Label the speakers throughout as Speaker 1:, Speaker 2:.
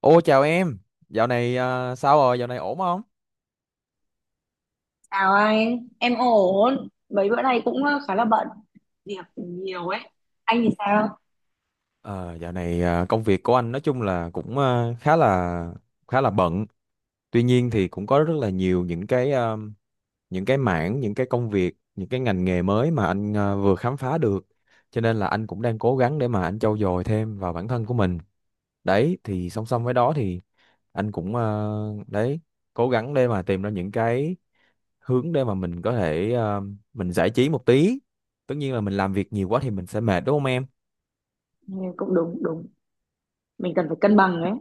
Speaker 1: Ô chào em, dạo này sao rồi, dạo này ổn không?
Speaker 2: Chào anh, em ổn. Mấy bữa nay cũng khá là bận, việc nhiều ấy. Anh thì sao?
Speaker 1: Ờ, dạo này công việc của anh nói chung là cũng khá là bận. Tuy nhiên thì cũng có rất là nhiều những cái những cái mảng, những cái công việc, những cái ngành nghề mới mà anh vừa khám phá được. Cho nên là anh cũng đang cố gắng để mà anh trau dồi thêm vào bản thân của mình. Đấy thì song song với đó thì anh cũng đấy, cố gắng để mà tìm ra những cái hướng để mà mình có thể mình giải trí một tí. Tất nhiên là mình làm việc nhiều quá thì mình sẽ mệt, đúng không em?
Speaker 2: Ừ, cũng đúng đúng, mình cần phải cân bằng ấy.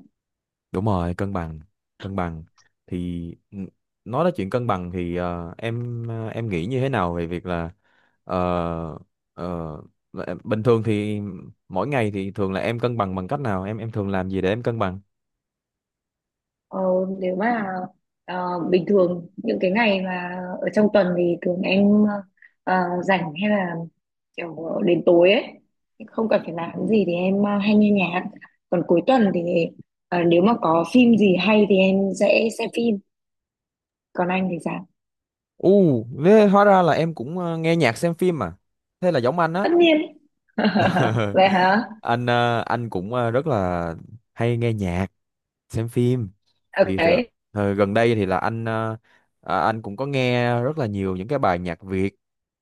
Speaker 1: Đúng rồi, cân bằng, cân bằng thì n- nói đến chuyện cân bằng thì em em nghĩ như thế nào về việc là ờ, ờ, là bình thường thì mỗi ngày thì thường là em cân bằng bằng cách nào, em thường làm gì để em cân bằng?
Speaker 2: Ờ, Nếu mà bình thường những cái ngày mà ở trong tuần thì thường em ờ, rảnh hay là kiểu đến tối ấy, không cần phải làm gì thì em hay nghe nhạc. Còn cuối tuần thì nếu mà có phim gì hay thì em sẽ xem phim. Còn anh thì sao?
Speaker 1: U, thế hóa ra là em cũng nghe nhạc xem phim à? Thế là giống anh á.
Speaker 2: Tất nhiên. Vậy hả?
Speaker 1: Anh anh cũng rất là hay nghe nhạc, xem phim. thì từ,
Speaker 2: Ok.
Speaker 1: Thời gần đây thì là anh anh cũng có nghe rất là nhiều những cái bài nhạc Việt.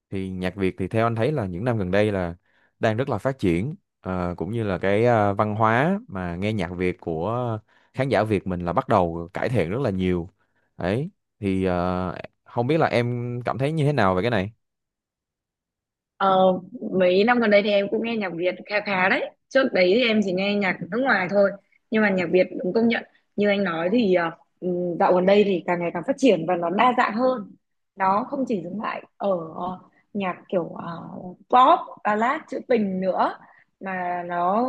Speaker 1: Thì nhạc Việt thì theo anh thấy là những năm gần đây là đang rất là phát triển. Ờ, cũng như là cái văn hóa mà nghe nhạc Việt của khán giả Việt mình là bắt đầu cải thiện rất là nhiều đấy. Thì không biết là em cảm thấy như thế nào về cái này?
Speaker 2: Ờ, mấy năm gần đây thì em cũng nghe nhạc Việt khá khá đấy. Trước đấy thì em chỉ nghe nhạc nước ngoài thôi. Nhưng mà nhạc Việt đúng công nhận. Như anh nói thì dạo gần đây thì càng ngày càng phát triển và nó đa dạng hơn. Nó không chỉ dừng lại ở ờ, nhạc kiểu pop, ballad, trữ tình nữa. Mà nó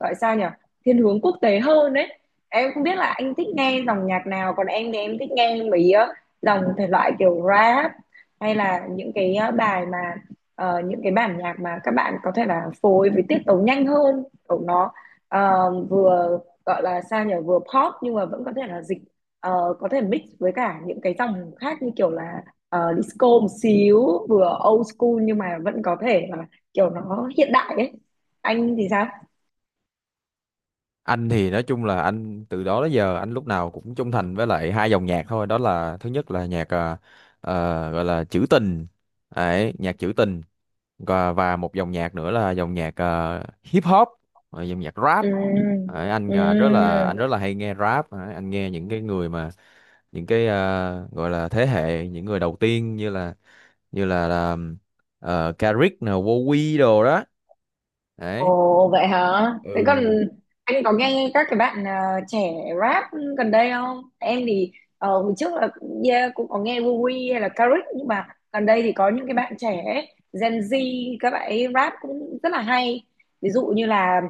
Speaker 2: gọi sao nhỉ? Thiên hướng quốc tế hơn đấy. Em không biết là anh thích nghe dòng nhạc nào. Còn em thì em thích nghe mấy dòng thể loại kiểu rap hay là những cái bài mà những cái bản nhạc mà các bạn có thể là phối với tiết tấu nhanh hơn của nó, vừa gọi là sao nhỉ, vừa pop nhưng mà vẫn có thể là dịch, có thể mix với cả những cái dòng khác như kiểu là disco một xíu, vừa old school nhưng mà vẫn có thể là kiểu nó hiện đại ấy. Anh thì sao?
Speaker 1: Anh thì nói chung là anh từ đó đến giờ anh lúc nào cũng trung thành với lại hai dòng nhạc thôi, đó là thứ nhất là nhạc gọi là trữ tình, đấy, nhạc trữ tình. Và một dòng nhạc nữa là dòng nhạc hip hop, dòng nhạc rap.
Speaker 2: Ừm,
Speaker 1: Ờ, anh anh
Speaker 2: ừm.
Speaker 1: rất là hay nghe rap. Ờ, anh nghe những cái người mà những cái gọi là thế hệ những người đầu tiên, là Kendrick nè, Wowy đồ đó đấy.
Speaker 2: Ồ vậy hả? Thế còn
Speaker 1: Ừ.
Speaker 2: anh có nghe các cái bạn trẻ rap gần đây không? Em thì hồi trước là, yeah, cũng có nghe Wowy hay là Karik nhưng mà gần đây thì có những cái bạn trẻ ấy, Gen Z các bạn ấy rap cũng rất là hay. Ví dụ như là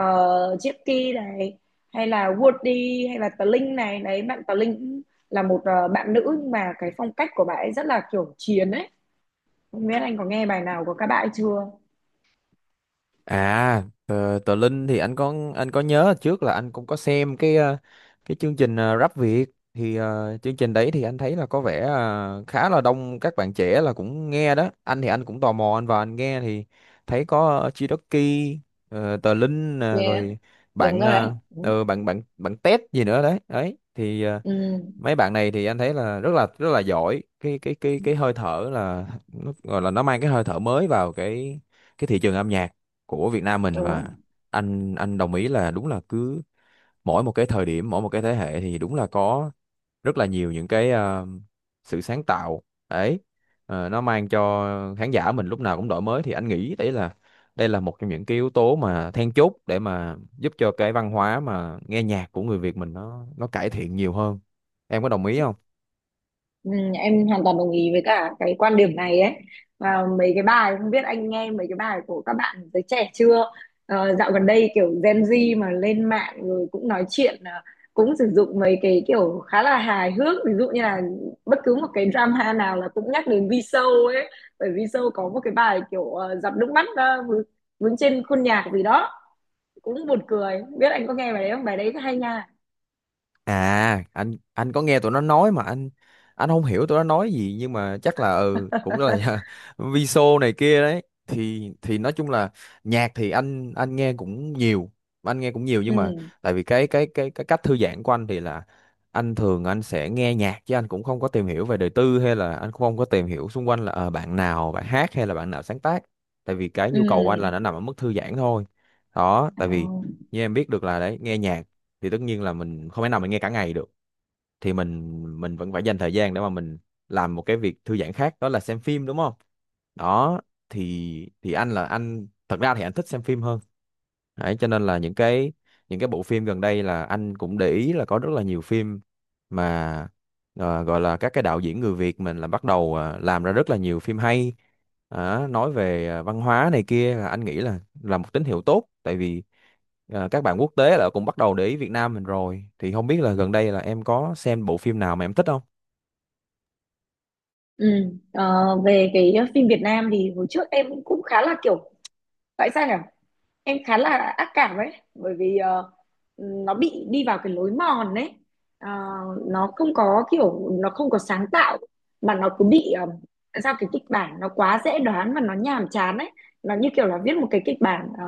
Speaker 2: Chipky này, hay là Woody, hay là Tờ Linh này. Đấy, bạn Tờ Linh cũng là một bạn nữ nhưng mà cái phong cách của bạn ấy rất là kiểu chiến ấy. Không biết anh có nghe bài nào của các bạn ấy chưa?
Speaker 1: À, tờ Linh thì anh có, anh nhớ trước là anh cũng có xem cái cái chương trình Rap Việt. Thì chương trình đấy thì anh thấy là có vẻ khá là đông các bạn trẻ là cũng nghe đó. Anh thì anh cũng tò mò, anh vào anh nghe thì thấy có Chidoki, tờ Linh nè,
Speaker 2: Yeah,
Speaker 1: rồi
Speaker 2: đúng
Speaker 1: bạn
Speaker 2: rồi đấy.
Speaker 1: bạn Tết gì nữa đấy. Đấy thì
Speaker 2: Ừ,
Speaker 1: mấy bạn này thì anh thấy là rất là giỏi, cái cái hơi thở là nó gọi là nó mang cái hơi thở mới vào cái thị trường âm nhạc của Việt Nam mình. Và
Speaker 2: đúng.
Speaker 1: anh đồng ý là đúng là cứ mỗi một cái thời điểm, mỗi một cái thế hệ thì đúng là có rất là nhiều những cái sự sáng tạo đấy. Ờ, nó mang cho khán giả mình lúc nào cũng đổi mới thì anh nghĩ đấy là đây là một trong những cái yếu tố mà then chốt để mà giúp cho cái văn hóa mà nghe nhạc của người Việt mình nó cải thiện nhiều hơn. Em có đồng ý không?
Speaker 2: Ừ, em hoàn toàn đồng ý với cả cái quan điểm này ấy. Và mấy cái bài, không biết anh nghe mấy cái bài của các bạn giới trẻ chưa? Ờ, dạo gần đây kiểu Gen Z mà lên mạng rồi cũng nói chuyện, à, cũng sử dụng mấy cái kiểu khá là hài hước, ví dụ như là bất cứ một cái drama nào là cũng nhắc đến V-Show ấy, bởi V-Show có một cái bài kiểu giọt nước mắt vướng trên khuôn nhạc gì đó, cũng buồn cười. Không biết anh có nghe bài đấy không? Bài đấy hay nha.
Speaker 1: À, anh có nghe tụi nó nói mà anh không hiểu tụi nó nói gì, nhưng mà chắc là ừ cũng là Viso này kia đấy. Thì nói chung là nhạc thì anh nghe cũng nhiều, anh nghe cũng nhiều, nhưng mà
Speaker 2: Ừ,
Speaker 1: tại vì cái cái cách thư giãn của anh thì là anh thường anh sẽ nghe nhạc, chứ anh cũng không có tìm hiểu về đời tư, hay là anh cũng không có tìm hiểu xung quanh là bạn nào bạn hát hay là bạn nào sáng tác. Tại vì cái
Speaker 2: ừ.
Speaker 1: nhu cầu của anh là nó nằm ở mức thư giãn thôi. Đó,
Speaker 2: Ờ.
Speaker 1: tại vì như em biết được là đấy, nghe nhạc thì tất nhiên là mình không thể nào mình nghe cả ngày được, thì mình vẫn phải dành thời gian để mà mình làm một cái việc thư giãn khác, đó là xem phim, đúng không? Đó thì anh là anh thật ra thì anh thích xem phim hơn. Đấy, cho nên là những cái bộ phim gần đây là anh cũng để ý là có rất là nhiều phim mà gọi là các cái đạo diễn người Việt mình là bắt đầu làm ra rất là nhiều phim hay. Đó, nói về văn hóa này kia là anh nghĩ là một tín hiệu tốt, tại vì các bạn quốc tế là cũng bắt đầu để ý Việt Nam mình rồi. Thì không biết là gần đây là em có xem bộ phim nào mà em thích không?
Speaker 2: Ừ. Ờ, về cái phim Việt Nam thì hồi trước em cũng khá là kiểu, tại sao nhỉ, em khá là ác cảm ấy, bởi vì nó bị đi vào cái lối mòn ấy. Ờ, nó không có kiểu, nó không có sáng tạo mà nó cứ bị sao, cái kịch bản nó quá dễ đoán và nó nhàm chán ấy. Nó như kiểu là viết một cái kịch bản ờ,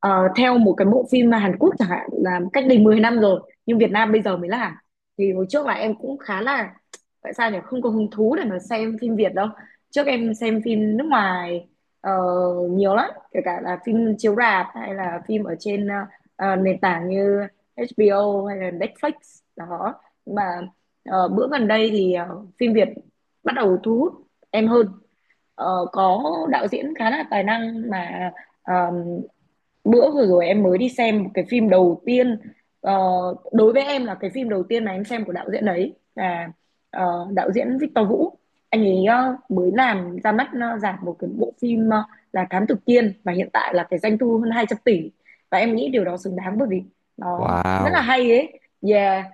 Speaker 2: ờ, theo một cái bộ phim mà Hàn Quốc chẳng hạn là cách đây 10 năm rồi, nhưng Việt Nam bây giờ mới làm. Thì hồi trước là em cũng khá là, tại sao nhỉ, không có hứng thú để mà xem phim Việt đâu. Trước em xem phim nước ngoài ờ, nhiều lắm, kể cả là phim chiếu rạp hay là phim ở trên nền tảng như HBO hay là Netflix đó. Nhưng mà bữa gần đây thì phim Việt bắt đầu thu hút em hơn. Ờ, có đạo diễn khá là tài năng mà ờ, bữa vừa rồi em mới đi xem một cái phim đầu tiên, ờ, đối với em là cái phim đầu tiên mà em xem của đạo diễn đấy, là đạo diễn Victor Vũ. Anh ấy mới làm ra mắt giảm một cái bộ phim là Thám Tử Kiên, và hiện tại là cái doanh thu hơn 200 tỷ, và em nghĩ điều đó xứng đáng bởi vì nó rất là
Speaker 1: Wow,
Speaker 2: hay ấy. Yeah.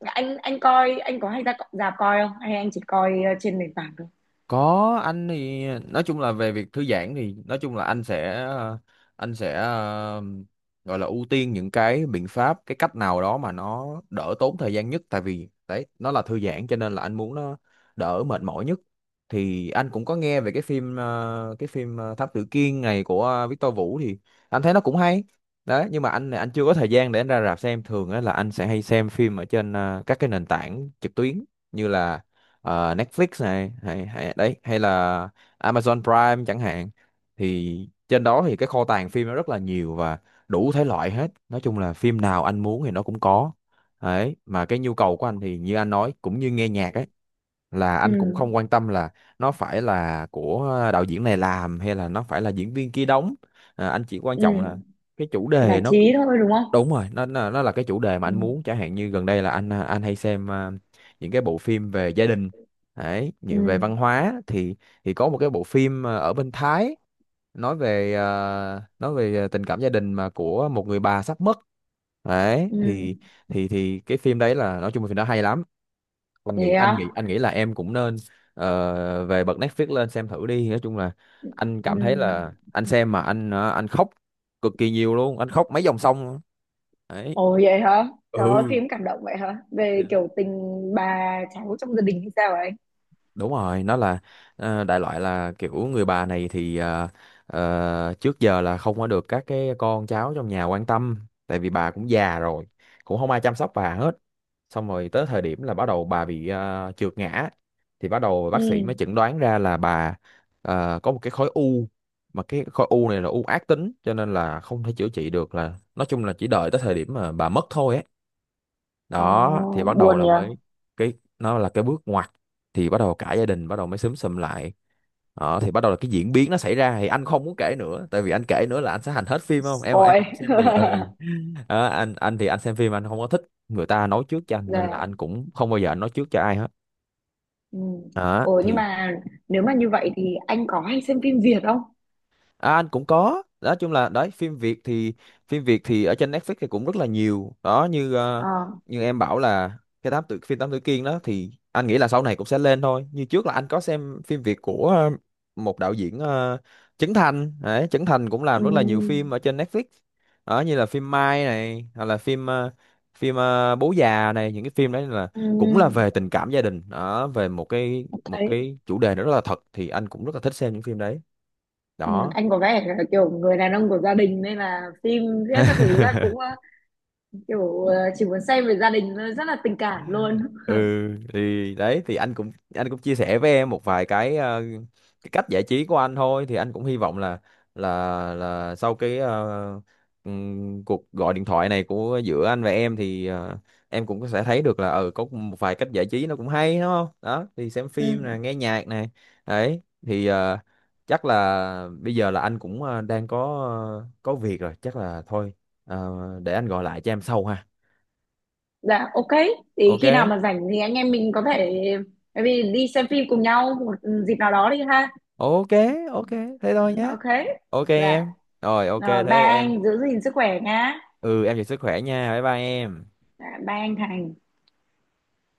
Speaker 2: Anh- anh coi, anh có hay ra rạp coi không hay anh chỉ coi trên nền tảng thôi?
Speaker 1: có, anh thì nói chung là về việc thư giãn thì nói chung là anh sẽ anh sẽ gọi là ưu tiên những cái biện pháp, cái cách nào đó mà nó đỡ tốn thời gian nhất, tại vì đấy nó là thư giãn cho nên là anh muốn nó đỡ mệt mỏi nhất. Thì anh cũng có nghe về cái phim cái phim Thám Tử Kiên này của Victor Vũ thì anh thấy nó cũng hay đấy. Nhưng mà anh chưa có thời gian để anh ra rạp xem, thường á là anh sẽ hay xem phim ở trên các cái nền tảng trực tuyến như là Netflix này hay đấy, hay là Amazon Prime chẳng hạn. Thì trên đó thì cái kho tàng phim nó rất là nhiều và đủ thể loại hết, nói chung là phim nào anh muốn thì nó cũng có đấy. Mà cái nhu cầu của anh thì như anh nói cũng như nghe nhạc ấy, là anh cũng
Speaker 2: Ừ,
Speaker 1: không quan tâm là nó phải là của đạo diễn này làm hay là nó phải là diễn viên kia đóng. À, anh chỉ quan
Speaker 2: ừ.
Speaker 1: trọng là cái chủ đề
Speaker 2: Giải
Speaker 1: nó
Speaker 2: trí thôi đúng không?
Speaker 1: đúng rồi, nó nó là cái chủ đề mà anh muốn.
Speaker 2: Ừ,
Speaker 1: Chẳng hạn như gần đây là anh anh hay xem những cái bộ phim về gia đình, đấy,
Speaker 2: ừ,
Speaker 1: như về văn hóa thì có một cái bộ phim ở bên Thái, nói về tình cảm gia đình mà của một người bà sắp mất đấy.
Speaker 2: ừ.
Speaker 1: Thì thì cái phim đấy là nói chung là phim đó hay lắm,
Speaker 2: Thế á?
Speaker 1: anh nghĩ là em cũng nên về bật Netflix lên xem thử đi. Nói chung là anh
Speaker 2: Ừ.
Speaker 1: cảm thấy là anh xem mà anh anh khóc cực kỳ nhiều luôn, anh khóc mấy dòng sông. Đấy.
Speaker 2: Ồ vậy hả?
Speaker 1: Ừ,
Speaker 2: Trời ơi, phim cảm động vậy hả? Về kiểu tình bà cháu trong gia đình hay sao ấy?
Speaker 1: đúng rồi, nó là đại loại là kiểu người bà này thì trước giờ là không có được các cái con cháu trong nhà quan tâm, tại vì bà cũng già rồi, cũng không ai chăm sóc bà hết. Xong rồi tới thời điểm là bắt đầu bà bị trượt ngã thì bắt đầu
Speaker 2: Ừ.
Speaker 1: bác sĩ mới chẩn đoán ra là bà có một cái khối u, mà cái khối u này là u ác tính cho nên là không thể chữa trị được, là nói chung là chỉ đợi tới thời điểm mà bà mất thôi ấy.
Speaker 2: Ồ,
Speaker 1: Đó thì bắt đầu
Speaker 2: buồn
Speaker 1: là
Speaker 2: nhỉ?
Speaker 1: mới cái nó là cái bước ngoặt, thì bắt đầu cả gia đình bắt đầu mới xúm xụm lại. Đó thì bắt đầu là cái diễn biến nó xảy ra thì anh không muốn kể nữa, tại vì anh kể nữa là anh sẽ hành hết phim, không em em
Speaker 2: Spoil.
Speaker 1: không xem được, ừ. Đó, anh thì anh xem phim anh không có thích người ta nói trước cho anh, nên là
Speaker 2: Dạ.
Speaker 1: anh cũng không bao giờ anh nói trước cho ai hết.
Speaker 2: Ừ.
Speaker 1: Đó
Speaker 2: Ồ, nhưng
Speaker 1: thì
Speaker 2: mà nếu mà như vậy thì anh có hay xem phim Việt không?
Speaker 1: À, anh cũng có, nói chung là đấy, phim Việt thì ở trên Netflix thì cũng rất là nhiều đó. Như
Speaker 2: Ờ.
Speaker 1: như em bảo là cái tám tử, phim Tám Tử Kiên đó thì anh nghĩ là sau này cũng sẽ lên thôi. Như trước là anh có xem phim Việt của một đạo diễn Trấn Thành đấy, Trấn Thành cũng làm
Speaker 2: Ừ.
Speaker 1: rất là nhiều phim ở trên Netflix, đó như là phim Mai này, hoặc là phim phim Bố già này. Những cái phim đấy là
Speaker 2: Ừ.
Speaker 1: cũng là về tình cảm gia đình đó, về một
Speaker 2: Thấy.
Speaker 1: cái chủ đề nó rất là thật, thì anh cũng rất là thích xem những phim đấy.
Speaker 2: Ừ.
Speaker 1: Đó.
Speaker 2: Anh có vẻ là kiểu người đàn ông của gia đình nên là phim viết các thứ là cũng kiểu chỉ muốn xem về gia đình thôi, rất là tình cảm luôn.
Speaker 1: Ừ, thì đấy thì anh cũng chia sẻ với em một vài cái cái cách giải trí của anh thôi. Thì anh cũng hy vọng là là là sau cái cuộc gọi điện thoại này của giữa anh và em thì em cũng sẽ thấy được là ừ có một vài cách giải trí nó cũng hay, đúng không? Đó thì xem phim
Speaker 2: Ừ.
Speaker 1: nè, nghe nhạc này đấy. Thì chắc là bây giờ là anh cũng đang có có việc rồi, chắc là thôi, ờ, để anh gọi lại cho em sau ha.
Speaker 2: Dạ, ok, thì
Speaker 1: Ok,
Speaker 2: khi nào mà rảnh thì anh em mình có thể, bởi vì, đi xem phim cùng nhau một dịp nào đó đi ha.
Speaker 1: ok, ok, thế
Speaker 2: Ừ,
Speaker 1: thôi nhé.
Speaker 2: ok.
Speaker 1: Ok
Speaker 2: Dạ
Speaker 1: em. Rồi ok
Speaker 2: rồi, ba
Speaker 1: thế em,
Speaker 2: anh, giữ gìn sức khỏe nhá.
Speaker 1: ừ, em giữ sức khỏe nha, bye bye em.
Speaker 2: Dạ, ba anh Thành.